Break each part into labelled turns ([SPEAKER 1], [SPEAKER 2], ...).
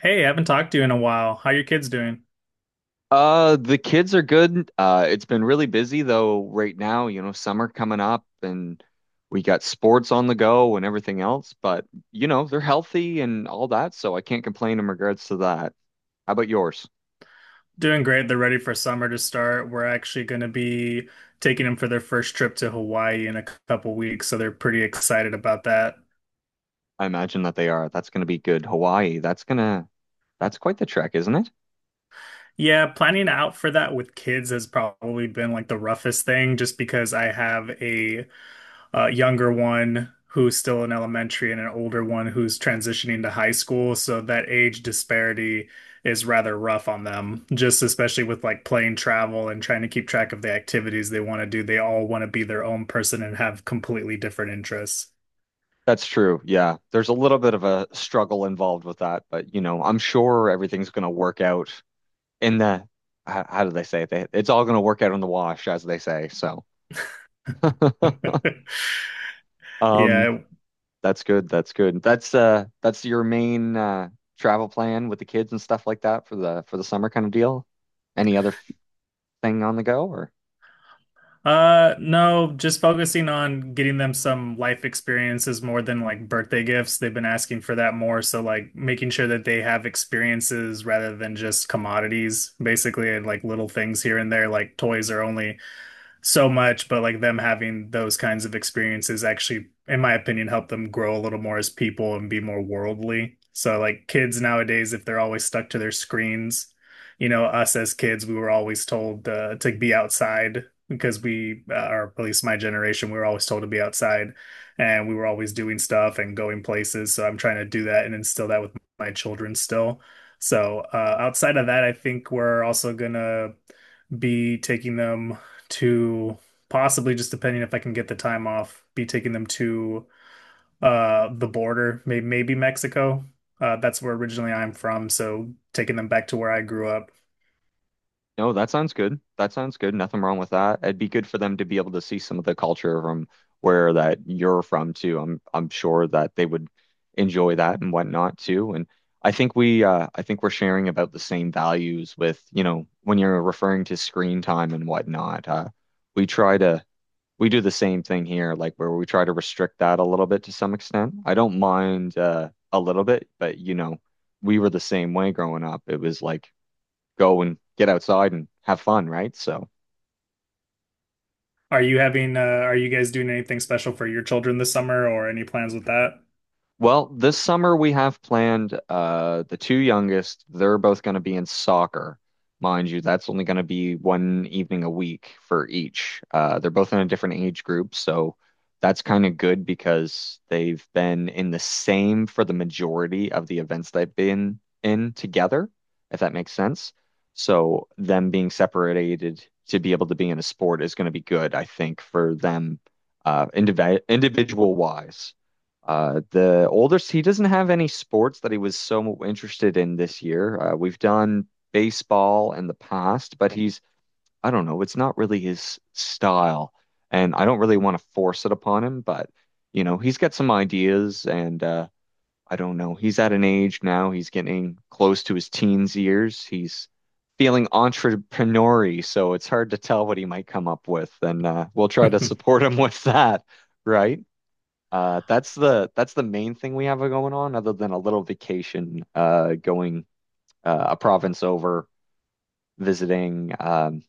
[SPEAKER 1] Hey, I haven't talked to you in a while. How your kids doing?
[SPEAKER 2] The kids are good. It's been really busy though right now, you know, summer coming up and we got sports on the go and everything else, but you know, they're healthy and all that, so I can't complain in regards to that. How about yours?
[SPEAKER 1] Doing great. They're ready for summer to start. We're actually going to be taking them for their first trip to Hawaii in a couple weeks, so they're pretty excited about that.
[SPEAKER 2] I imagine that they are. That's going to be good. Hawaii, that's quite the trek, isn't it?
[SPEAKER 1] Yeah, planning out for that with kids has probably been like the roughest thing just because I have a younger one who's still in elementary and an older one who's transitioning to high school. So that age disparity is rather rough on them, just especially with like plane travel and trying to keep track of the activities they want to do. They all want to be their own person and have completely different interests.
[SPEAKER 2] That's true. Yeah. There's a little bit of a struggle involved with that, but you know, I'm sure everything's going to work out in the, how do they say it? It's all going to work out in the wash, as they say. So. Um,
[SPEAKER 1] Yeah.
[SPEAKER 2] that's good. That's good. That's your main travel plan with the kids and stuff like that for the summer kind of deal. Any other thing on the go or?
[SPEAKER 1] No, just focusing on getting them some life experiences more than like birthday gifts. They've been asking for that more, so like making sure that they have experiences rather than just commodities, basically, and like little things here and there. Like toys are only so much, but like them having those kinds of experiences actually, in my opinion, help them grow a little more as people and be more worldly. So like kids nowadays, if they're always stuck to their screens, you know, us as kids, we were always told to be outside because we, or at least my generation, we were always told to be outside and we were always doing stuff and going places. So I'm trying to do that and instill that with my children still. So outside of that, I think we're also gonna be taking them to possibly, just depending if I can get the time off, be taking them to the border, maybe Mexico. That's where originally I'm from, so taking them back to where I grew up.
[SPEAKER 2] No, that sounds good. That sounds good. Nothing wrong with that. It'd be good for them to be able to see some of the culture from where that you're from too. I'm sure that they would enjoy that and whatnot too. And I think we I think we're sharing about the same values with, you know, when you're referring to screen time and whatnot. We try to We do the same thing here, like where we try to restrict that a little bit to some extent. I don't mind a little bit, but you know, we were the same way growing up. It was like go and get outside and have fun, right? So
[SPEAKER 1] Are you having are you guys doing anything special for your children this summer or any plans with that?
[SPEAKER 2] well, this summer we have planned the two youngest, they're both going to be in soccer. Mind you, that's only going to be one evening a week for each. They're both in a different age group, so that's kind of good because they've been in the same for the majority of the events they've been in together, if that makes sense. So them being separated to be able to be in a sport is going to be good, I think, for them individual wise. The oldest, he doesn't have any sports that he was so interested in this year. We've done baseball in the past, but he's, I don't know, it's not really his style. And I don't really want to force it upon him, but, you know, he's got some ideas and, I don't know. He's at an age now, he's getting close to his teens years. He's feeling entrepreneurial, so it's hard to tell what he might come up with. And, we'll try to support him with that, right? That's the main thing we have going on, other than a little vacation, going a province over, visiting,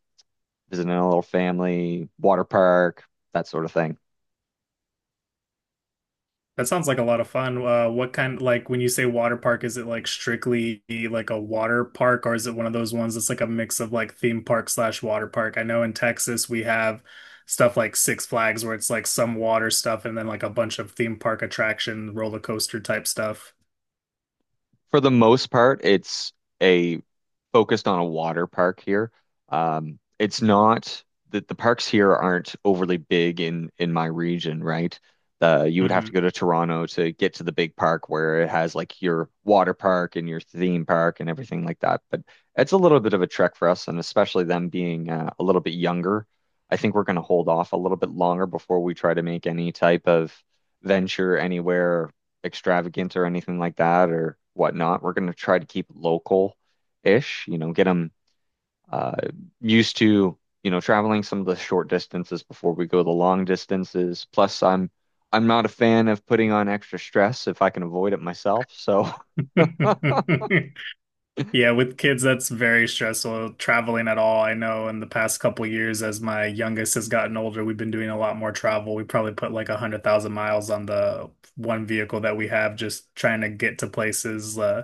[SPEAKER 2] visiting a little family, water park, that sort of thing.
[SPEAKER 1] That sounds like a lot of fun. What kind, like when you say water park, is it like strictly like a water park, or is it one of those ones that's like a mix of like theme park slash water park? I know in Texas we have stuff like Six Flags where it's like some water stuff and then like a bunch of theme park attraction, roller coaster type stuff.
[SPEAKER 2] For the most part, it's a focused on a water park here. It's not that the parks here aren't overly big in my region, right? You would have
[SPEAKER 1] hmm
[SPEAKER 2] to go to Toronto to get to the big park where it has like your water park and your theme park and everything like that. But it's a little bit of a trek for us, and especially them being a little bit younger. I think we're going to hold off a little bit longer before we try to make any type of venture anywhere extravagant or anything like that or whatnot. We're going to try to keep local ish, you know, get them uh, used to, you know, traveling some of the short distances before we go the long distances. Plus, I'm not a fan of putting on extra stress if I can avoid it myself. So,
[SPEAKER 1] Yeah, with kids, that's very stressful traveling at all. I know in the past couple years, as my youngest has gotten older, we've been doing a lot more travel. We probably put like a hundred thousand miles on the one vehicle that we have, just trying to get to places.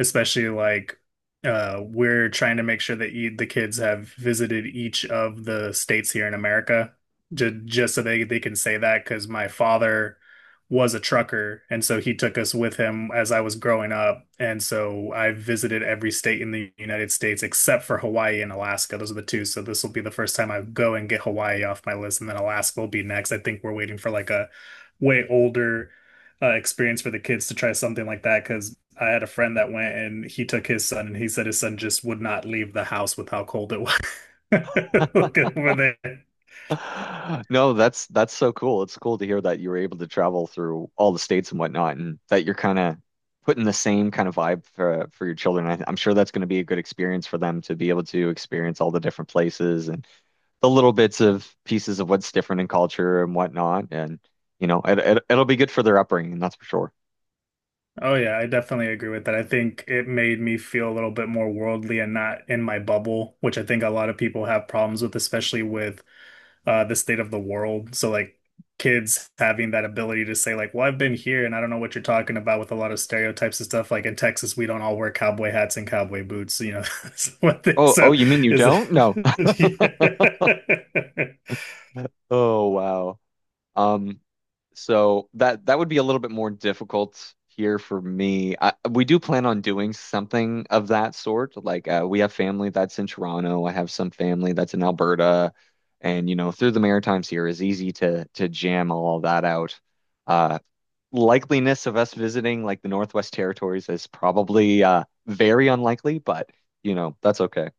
[SPEAKER 1] Especially like we're trying to make sure that e the kids have visited each of the states here in America, just so they can say that because my father was a trucker, and so he took us with him as I was growing up, and so I visited every state in the United States except for Hawaii and Alaska. Those are the two. So this will be the first time I go and get Hawaii off my list, and then Alaska will be next. I think we're waiting for like a way older experience for the kids to try something like that because I had a friend that went and he took his son and he said his son just would not leave the house with how cold it was. Look over there.
[SPEAKER 2] no, that's so cool. It's cool to hear that you were able to travel through all the states and whatnot, and that you're kind of putting the same kind of vibe for your children. I'm sure that's going to be a good experience for them to be able to experience all the different places and the little bits of pieces of what's different in culture and whatnot. And, you know, it'll be good for their upbringing, that's for sure.
[SPEAKER 1] Oh yeah, I definitely agree with that. I think it made me feel a little bit more worldly and not in my bubble, which I think a lot of people have problems with, especially with the state of the world. So like kids having that ability to say like, well, I've been here and I don't know what you're talking about with a lot of stereotypes and stuff. Like in Texas, we don't all wear cowboy hats and cowboy boots, you know. So, I think
[SPEAKER 2] Oh,
[SPEAKER 1] so
[SPEAKER 2] you mean you
[SPEAKER 1] is
[SPEAKER 2] don't? No.
[SPEAKER 1] it? Yeah.
[SPEAKER 2] Oh, wow. Um, so that would be a little bit more difficult here for me. We do plan on doing something of that sort. Like we have family that's in Toronto. I have some family that's in Alberta, and you know, through the Maritimes here is easy to jam all that out. Uh, likeliness of us visiting like the Northwest Territories is probably very unlikely, but you know, that's okay.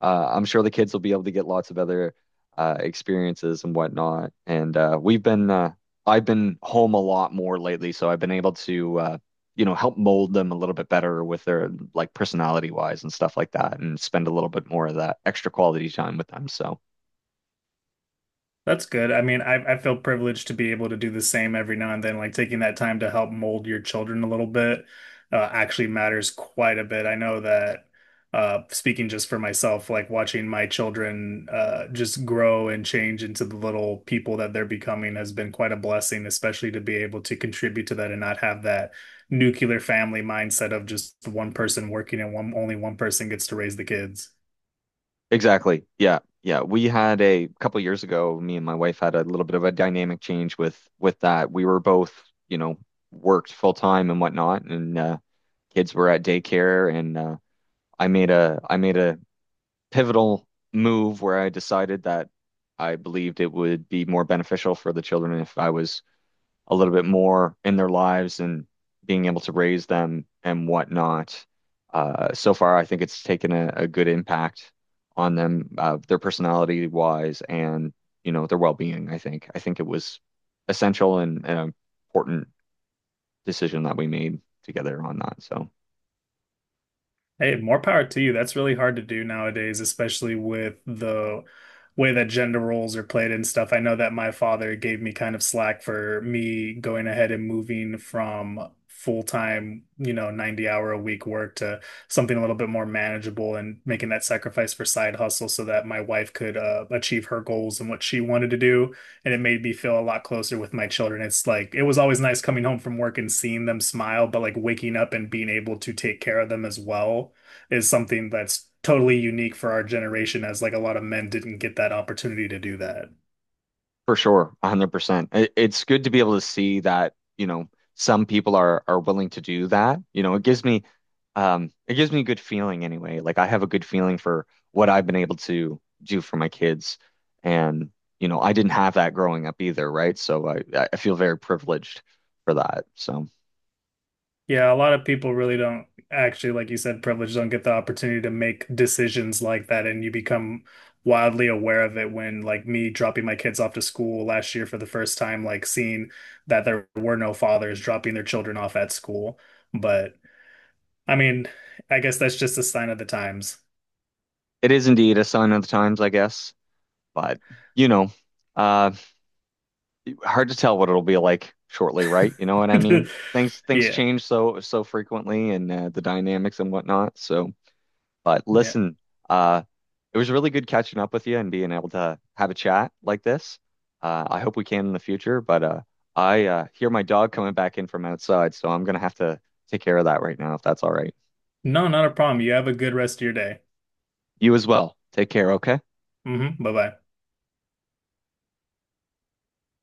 [SPEAKER 2] I'm sure the kids will be able to get lots of other experiences and whatnot. And I've been home a lot more lately, so I've been able to, you know, help mold them a little bit better with their like personality wise and stuff like that, and spend a little bit more of that extra quality time with them. So
[SPEAKER 1] That's good. I mean, I feel privileged to be able to do the same every now and then. Like taking that time to help mold your children a little bit, actually matters quite a bit. I know that, speaking just for myself, like watching my children just grow and change into the little people that they're becoming has been quite a blessing, especially to be able to contribute to that and not have that nuclear family mindset of just one person working and one only one person gets to raise the kids.
[SPEAKER 2] exactly. Yeah. Yeah. We had a couple years ago, me and my wife had a little bit of a dynamic change with that. We were both, you know, worked full time and whatnot, and kids were at daycare, and I made a pivotal move where I decided that I believed it would be more beneficial for the children if I was a little bit more in their lives and being able to raise them and whatnot. So far, I think it's taken a good impact on them, their personality wise and, you know, their well-being, I think. I think it was essential and an important decision that we made together on that. So.
[SPEAKER 1] Hey, more power to you. That's really hard to do nowadays, especially with the way that gender roles are played and stuff. I know that my father gave me kind of slack for me going ahead and moving from full-time, you know, 90 hour a week work to something a little bit more manageable and making that sacrifice for side hustle so that my wife could achieve her goals and what she wanted to do, and it made me feel a lot closer with my children. It's like it was always nice coming home from work and seeing them smile, but like waking up and being able to take care of them as well is something that's totally unique for our generation, as like a lot of men didn't get that opportunity to do that.
[SPEAKER 2] For sure, 100%. It's good to be able to see that, you know, some people are willing to do that. You know, it gives me a good feeling anyway. Like I have a good feeling for what I've been able to do for my kids. And, you know, I didn't have that growing up either, right? I feel very privileged for that. So
[SPEAKER 1] Yeah, a lot of people really don't actually, like you said, privileged, don't get the opportunity to make decisions like that, and you become wildly aware of it when like me dropping my kids off to school last year for the first time, like seeing that there were no fathers dropping their children off at school. But I mean, I guess that's just a sign of the times.
[SPEAKER 2] it is indeed a sign of the times, I guess. But, you know, uh hard to tell what it'll be like shortly, right? You know what I mean? Things
[SPEAKER 1] Yeah.
[SPEAKER 2] change so frequently and the dynamics and whatnot. So, but
[SPEAKER 1] Yeah.
[SPEAKER 2] listen, uh, it was really good catching up with you and being able to have a chat like this. I hope we can in the future, but I hear my dog coming back in from outside, so I'm gonna have to take care of that right now if that's all right.
[SPEAKER 1] No, not a problem. You have a good rest of your day.
[SPEAKER 2] You as well. Take care, okay?
[SPEAKER 1] Hmm bye-bye.